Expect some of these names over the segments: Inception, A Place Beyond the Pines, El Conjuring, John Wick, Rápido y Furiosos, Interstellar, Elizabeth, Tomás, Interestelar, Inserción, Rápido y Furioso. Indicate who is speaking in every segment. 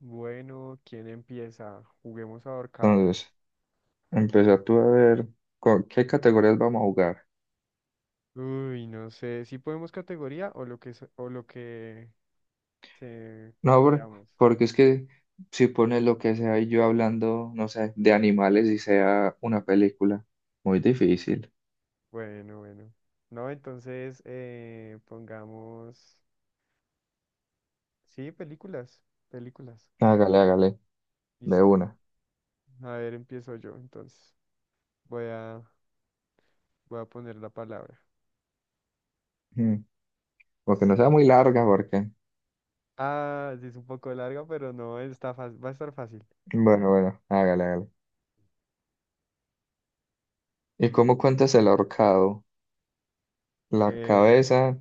Speaker 1: Bueno, ¿quién empieza? Juguemos ahorcado.
Speaker 2: Entonces, empieza tú a ver qué categorías vamos a jugar.
Speaker 1: Uy, no sé, si podemos categoría o lo que, o lo que se
Speaker 2: No,
Speaker 1: queramos.
Speaker 2: porque es que si pones lo que sea y yo hablando, no sé, de animales y sea una película, muy difícil.
Speaker 1: Bueno, bueno. No, entonces pongamos... Sí, películas, películas.
Speaker 2: Hágale, hágale, de
Speaker 1: Listo.
Speaker 2: una.
Speaker 1: A ver, empiezo yo entonces. Voy a, voy a poner la palabra.
Speaker 2: Mm, Porque no sea muy larga, porque.
Speaker 1: Ah, sí, es un poco larga, pero no, está fácil, va a estar fácil.
Speaker 2: Bueno, bueno, hágale, hágale. ¿Y cómo cuentas el ahorcado? La
Speaker 1: Eh,
Speaker 2: cabeza,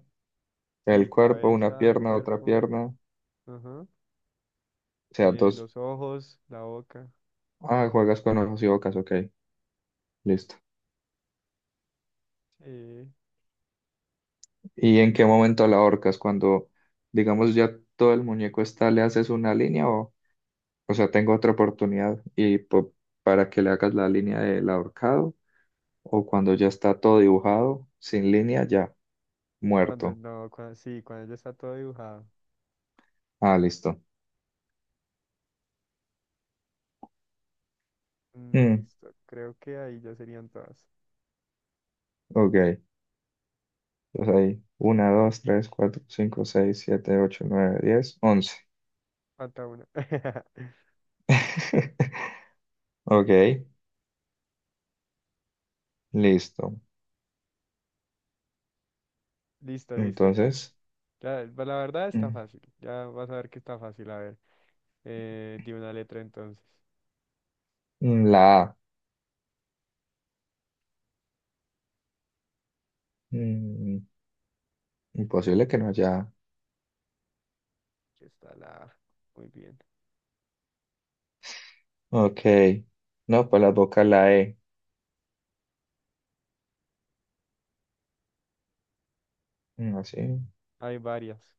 Speaker 1: sí,
Speaker 2: el cuerpo, una
Speaker 1: cabeza,
Speaker 2: pierna, otra
Speaker 1: cuerpo,
Speaker 2: pierna, o
Speaker 1: ajá,
Speaker 2: sea, dos.
Speaker 1: los ojos, la boca.
Speaker 2: Ah, juegas con ojos y bocas, ok, listo.
Speaker 1: Sí,
Speaker 2: ¿Y en qué momento la ahorcas? Cuando, digamos, ya todo el muñeco está, le haces una línea o sea, tengo otra oportunidad y para que le hagas la línea del ahorcado o cuando ya está todo dibujado, sin línea, ya,
Speaker 1: cuando
Speaker 2: muerto.
Speaker 1: no, cuando, sí, cuando ya está todo dibujado.
Speaker 2: Ah, listo.
Speaker 1: Mm,
Speaker 2: Mm,
Speaker 1: listo, creo que ahí ya serían todas.
Speaker 2: ok. Entonces ahí, uno dos tres cuatro cinco seis siete ocho nueve 10 11
Speaker 1: Falta una.
Speaker 2: Ok, listo.
Speaker 1: Listo, listo, ya.
Speaker 2: Entonces,
Speaker 1: Ya, pues, la verdad está
Speaker 2: mm,
Speaker 1: fácil. Ya vas a ver que está fácil. A ver, di una letra entonces.
Speaker 2: la A. Mm, imposible que no haya.
Speaker 1: Aquí está la A. Muy bien.
Speaker 2: Ok. No, pues las boca la E. Así.
Speaker 1: Hay varias.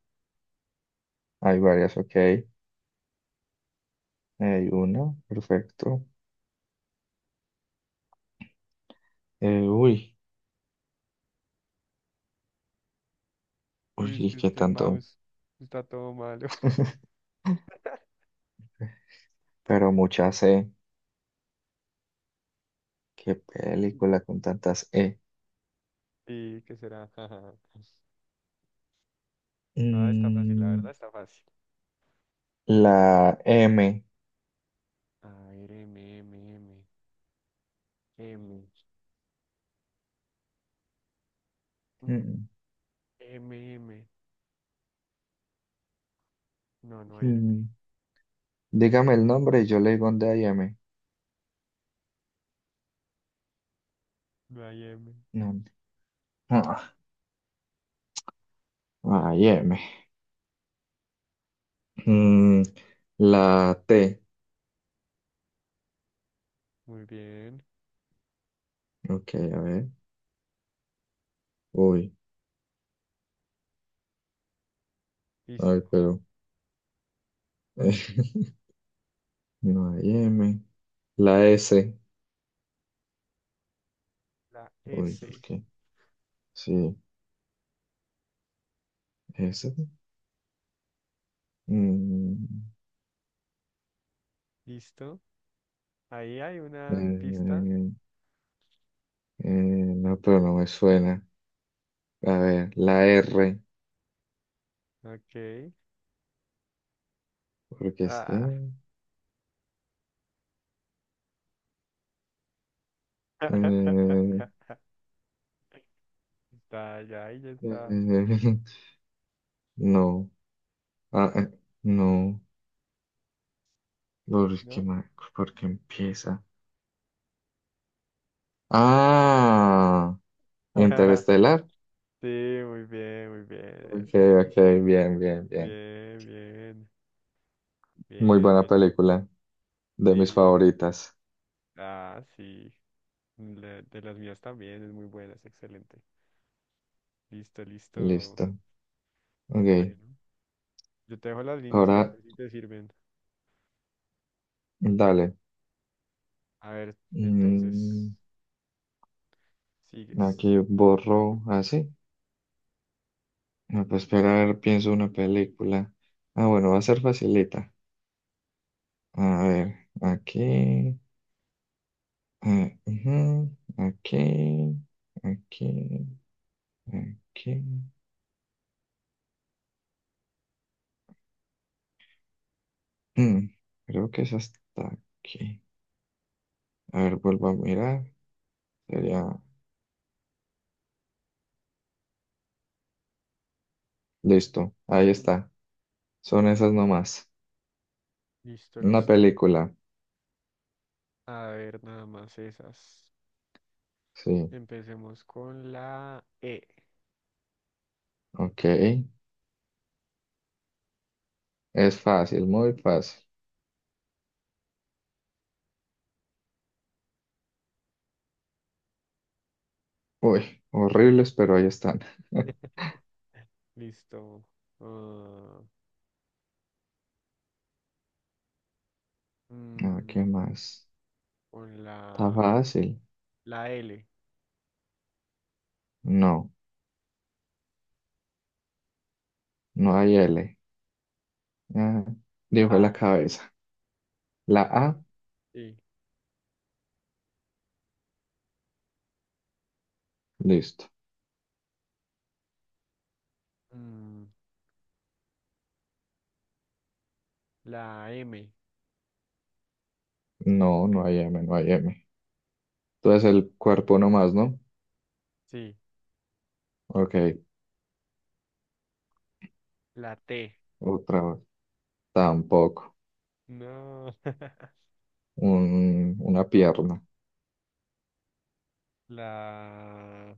Speaker 2: Hay varias, ok. Hay una, perfecto. Uy, uy,
Speaker 1: Uy, es
Speaker 2: ¿y
Speaker 1: que
Speaker 2: qué
Speaker 1: este
Speaker 2: tanto?
Speaker 1: mouse está todo malo.
Speaker 2: Pero muchas E. Qué película con tantas E.
Speaker 1: ¿Y qué será? No, está fácil, la verdad
Speaker 2: Mm,
Speaker 1: está fácil.
Speaker 2: la M.
Speaker 1: A ver, M, M, M, M. Mm,
Speaker 2: Mm,
Speaker 1: M, M. No, no hay M.
Speaker 2: mm. Dígame el nombre y yo le digo dónde hay M.
Speaker 1: Miami.
Speaker 2: No. Ah, hay M. Mm, la T.
Speaker 1: Muy bien.
Speaker 2: Ok, a ver. Uy, ay,
Speaker 1: Listo.
Speaker 2: pero. No hay M. La S.
Speaker 1: La
Speaker 2: Uy, ¿por
Speaker 1: S.
Speaker 2: qué? Sí, S. Mm,
Speaker 1: Listo. Ahí hay
Speaker 2: eh,
Speaker 1: una pista.
Speaker 2: eh, no, pero no me suena. A ver, la R.
Speaker 1: Ok.
Speaker 2: Porque es que...
Speaker 1: Ah. Está, ya, ahí ya está.
Speaker 2: eh, no. Ah, no. ¿Por qué,
Speaker 1: ¿No?
Speaker 2: ma- por qué empieza? Ah, Interestelar.
Speaker 1: Sí, muy bien, muy bien.
Speaker 2: Ok,
Speaker 1: Eso.
Speaker 2: ok, bien, bien, bien.
Speaker 1: Bien, bien.
Speaker 2: Muy
Speaker 1: Bien,
Speaker 2: buena
Speaker 1: bien, ahí.
Speaker 2: película. De mis
Speaker 1: Sí.
Speaker 2: favoritas.
Speaker 1: Ah, sí. La- de las mías también es muy buena, es excelente. Listo, listo.
Speaker 2: Listo. Ok,
Speaker 1: Bueno, yo te dejo las líneas ahí
Speaker 2: ahora
Speaker 1: por si te sirven.
Speaker 2: dale.
Speaker 1: A ver, entonces,
Speaker 2: Mm,
Speaker 1: sigues.
Speaker 2: aquí borro así. Me puedo esperar, pienso una película. Ah, bueno, va a ser facilita. A ver, aquí, ujú, aquí, aquí, aquí. Mm, creo que es hasta aquí. A ver, vuelvo a mirar. Sería, listo, ahí está. Son esas nomás.
Speaker 1: Listo,
Speaker 2: Una
Speaker 1: listo.
Speaker 2: película.
Speaker 1: A ver, nada más esas.
Speaker 2: Sí,
Speaker 1: Empecemos con la E.
Speaker 2: ok. Es fácil, muy fácil. Uy, horribles, pero ahí están.
Speaker 1: Listo. Ah,
Speaker 2: Ah,
Speaker 1: mm,
Speaker 2: ¿qué más?
Speaker 1: con
Speaker 2: Está
Speaker 1: la,
Speaker 2: fácil.
Speaker 1: la L.
Speaker 2: No, no hay L. Ah, dijo
Speaker 1: La
Speaker 2: la
Speaker 1: A.
Speaker 2: cabeza. La
Speaker 1: Ay.
Speaker 2: A,
Speaker 1: Sí.
Speaker 2: listo.
Speaker 1: Mm, la M.
Speaker 2: No, no hay M, no hay M. Entonces el cuerpo nomás, ¿no?
Speaker 1: Sí.
Speaker 2: Ok,
Speaker 1: La T.
Speaker 2: otra vez. Tampoco.
Speaker 1: No.
Speaker 2: Una pierna.
Speaker 1: La...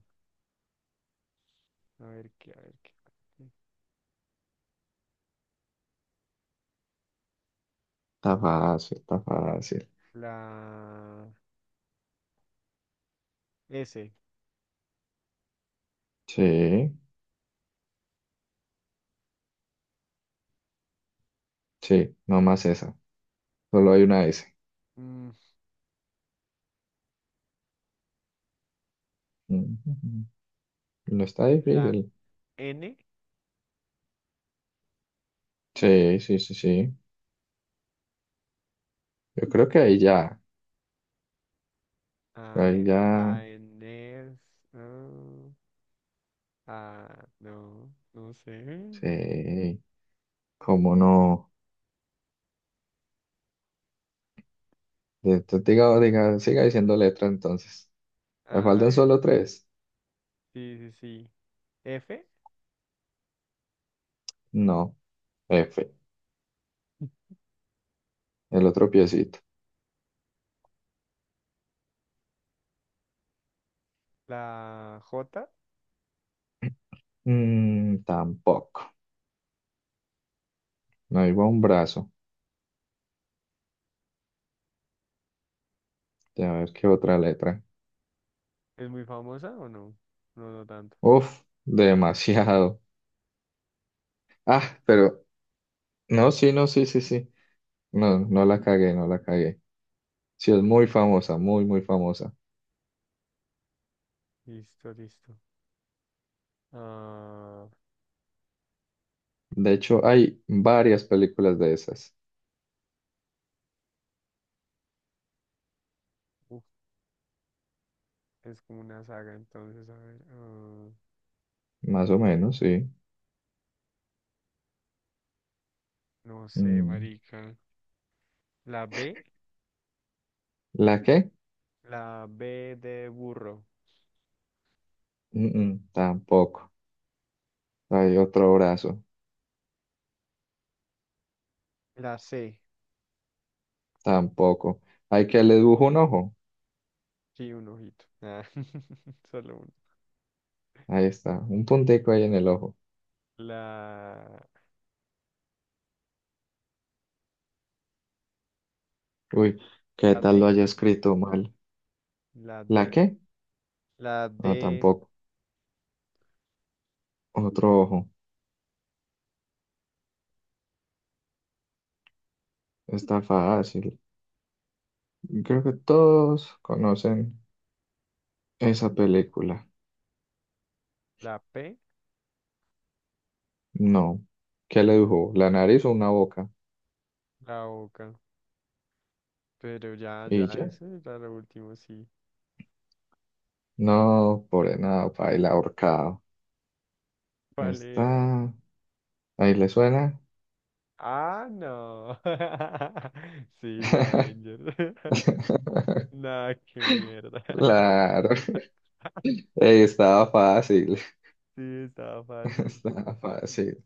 Speaker 1: A ver qué, a ver qué.
Speaker 2: Está fácil, está fácil.
Speaker 1: La S.
Speaker 2: Sí, sí, nomás esa. Solo hay una S.
Speaker 1: Mm,
Speaker 2: Ujú. No está
Speaker 1: la
Speaker 2: difícil.
Speaker 1: N.
Speaker 2: Sí, sí, sí, sí. Yo creo que ahí ya.
Speaker 1: A,
Speaker 2: Ahí
Speaker 1: E,
Speaker 2: ya.
Speaker 1: a N. Ah, no, no sé.
Speaker 2: Sí, cómo no. Diga, diga, siga diciendo letra entonces. ¿Me
Speaker 1: A
Speaker 2: faltan
Speaker 1: ver,
Speaker 2: solo tres?
Speaker 1: sí, sí, sí. F,
Speaker 2: No. F. El otro piecito.
Speaker 1: la J,
Speaker 2: Tampoco. No iba un brazo. A ver qué otra letra.
Speaker 1: ¿es muy famosa o no? No, no tanto.
Speaker 2: Uf, demasiado. Ah, pero no, sí, no, sí, sí, sí. No, no la cagué, no la cagué. Sí, es muy famosa, muy, muy famosa.
Speaker 1: Listo, listo. Ah,
Speaker 2: De hecho, hay varias películas de esas.
Speaker 1: uf, es como una saga, entonces, a ver. Ah,
Speaker 2: Más o menos, sí.
Speaker 1: no sé,
Speaker 2: Mm,
Speaker 1: marica. La B,
Speaker 2: ¿La qué?
Speaker 1: la B de burro.
Speaker 2: Mm, tampoco. Hay otro brazo.
Speaker 1: La C,
Speaker 2: Tampoco. Hay que le dibujo un ojo.
Speaker 1: sí, un ojito. Ah, solo uno.
Speaker 2: Ahí está, un puntico ahí en el ojo.
Speaker 1: La,
Speaker 2: Uy, ¿qué
Speaker 1: la
Speaker 2: tal lo
Speaker 1: D,
Speaker 2: haya escrito mal?
Speaker 1: la
Speaker 2: ¿La
Speaker 1: D,
Speaker 2: qué?
Speaker 1: la
Speaker 2: No,
Speaker 1: D,
Speaker 2: tampoco. Otro ojo. Está fácil. Creo que todos conocen esa película.
Speaker 1: la P,
Speaker 2: No. ¿Qué le dibujó? ¿La nariz o una boca?
Speaker 1: la boca. Pero ya,
Speaker 2: ¿Y
Speaker 1: ya,
Speaker 2: ya?
Speaker 1: eso era lo último, sí.
Speaker 2: No, por nada, baila ahorcado.
Speaker 1: ¿Cuál era?
Speaker 2: Está. ¿Ahí le suena?
Speaker 1: Ah, no. Sí, los Avengers. Nah, qué mierda.
Speaker 2: Claro. Ey, estaba fácil.
Speaker 1: Sí, estaba fácil.
Speaker 2: Estaba fácil.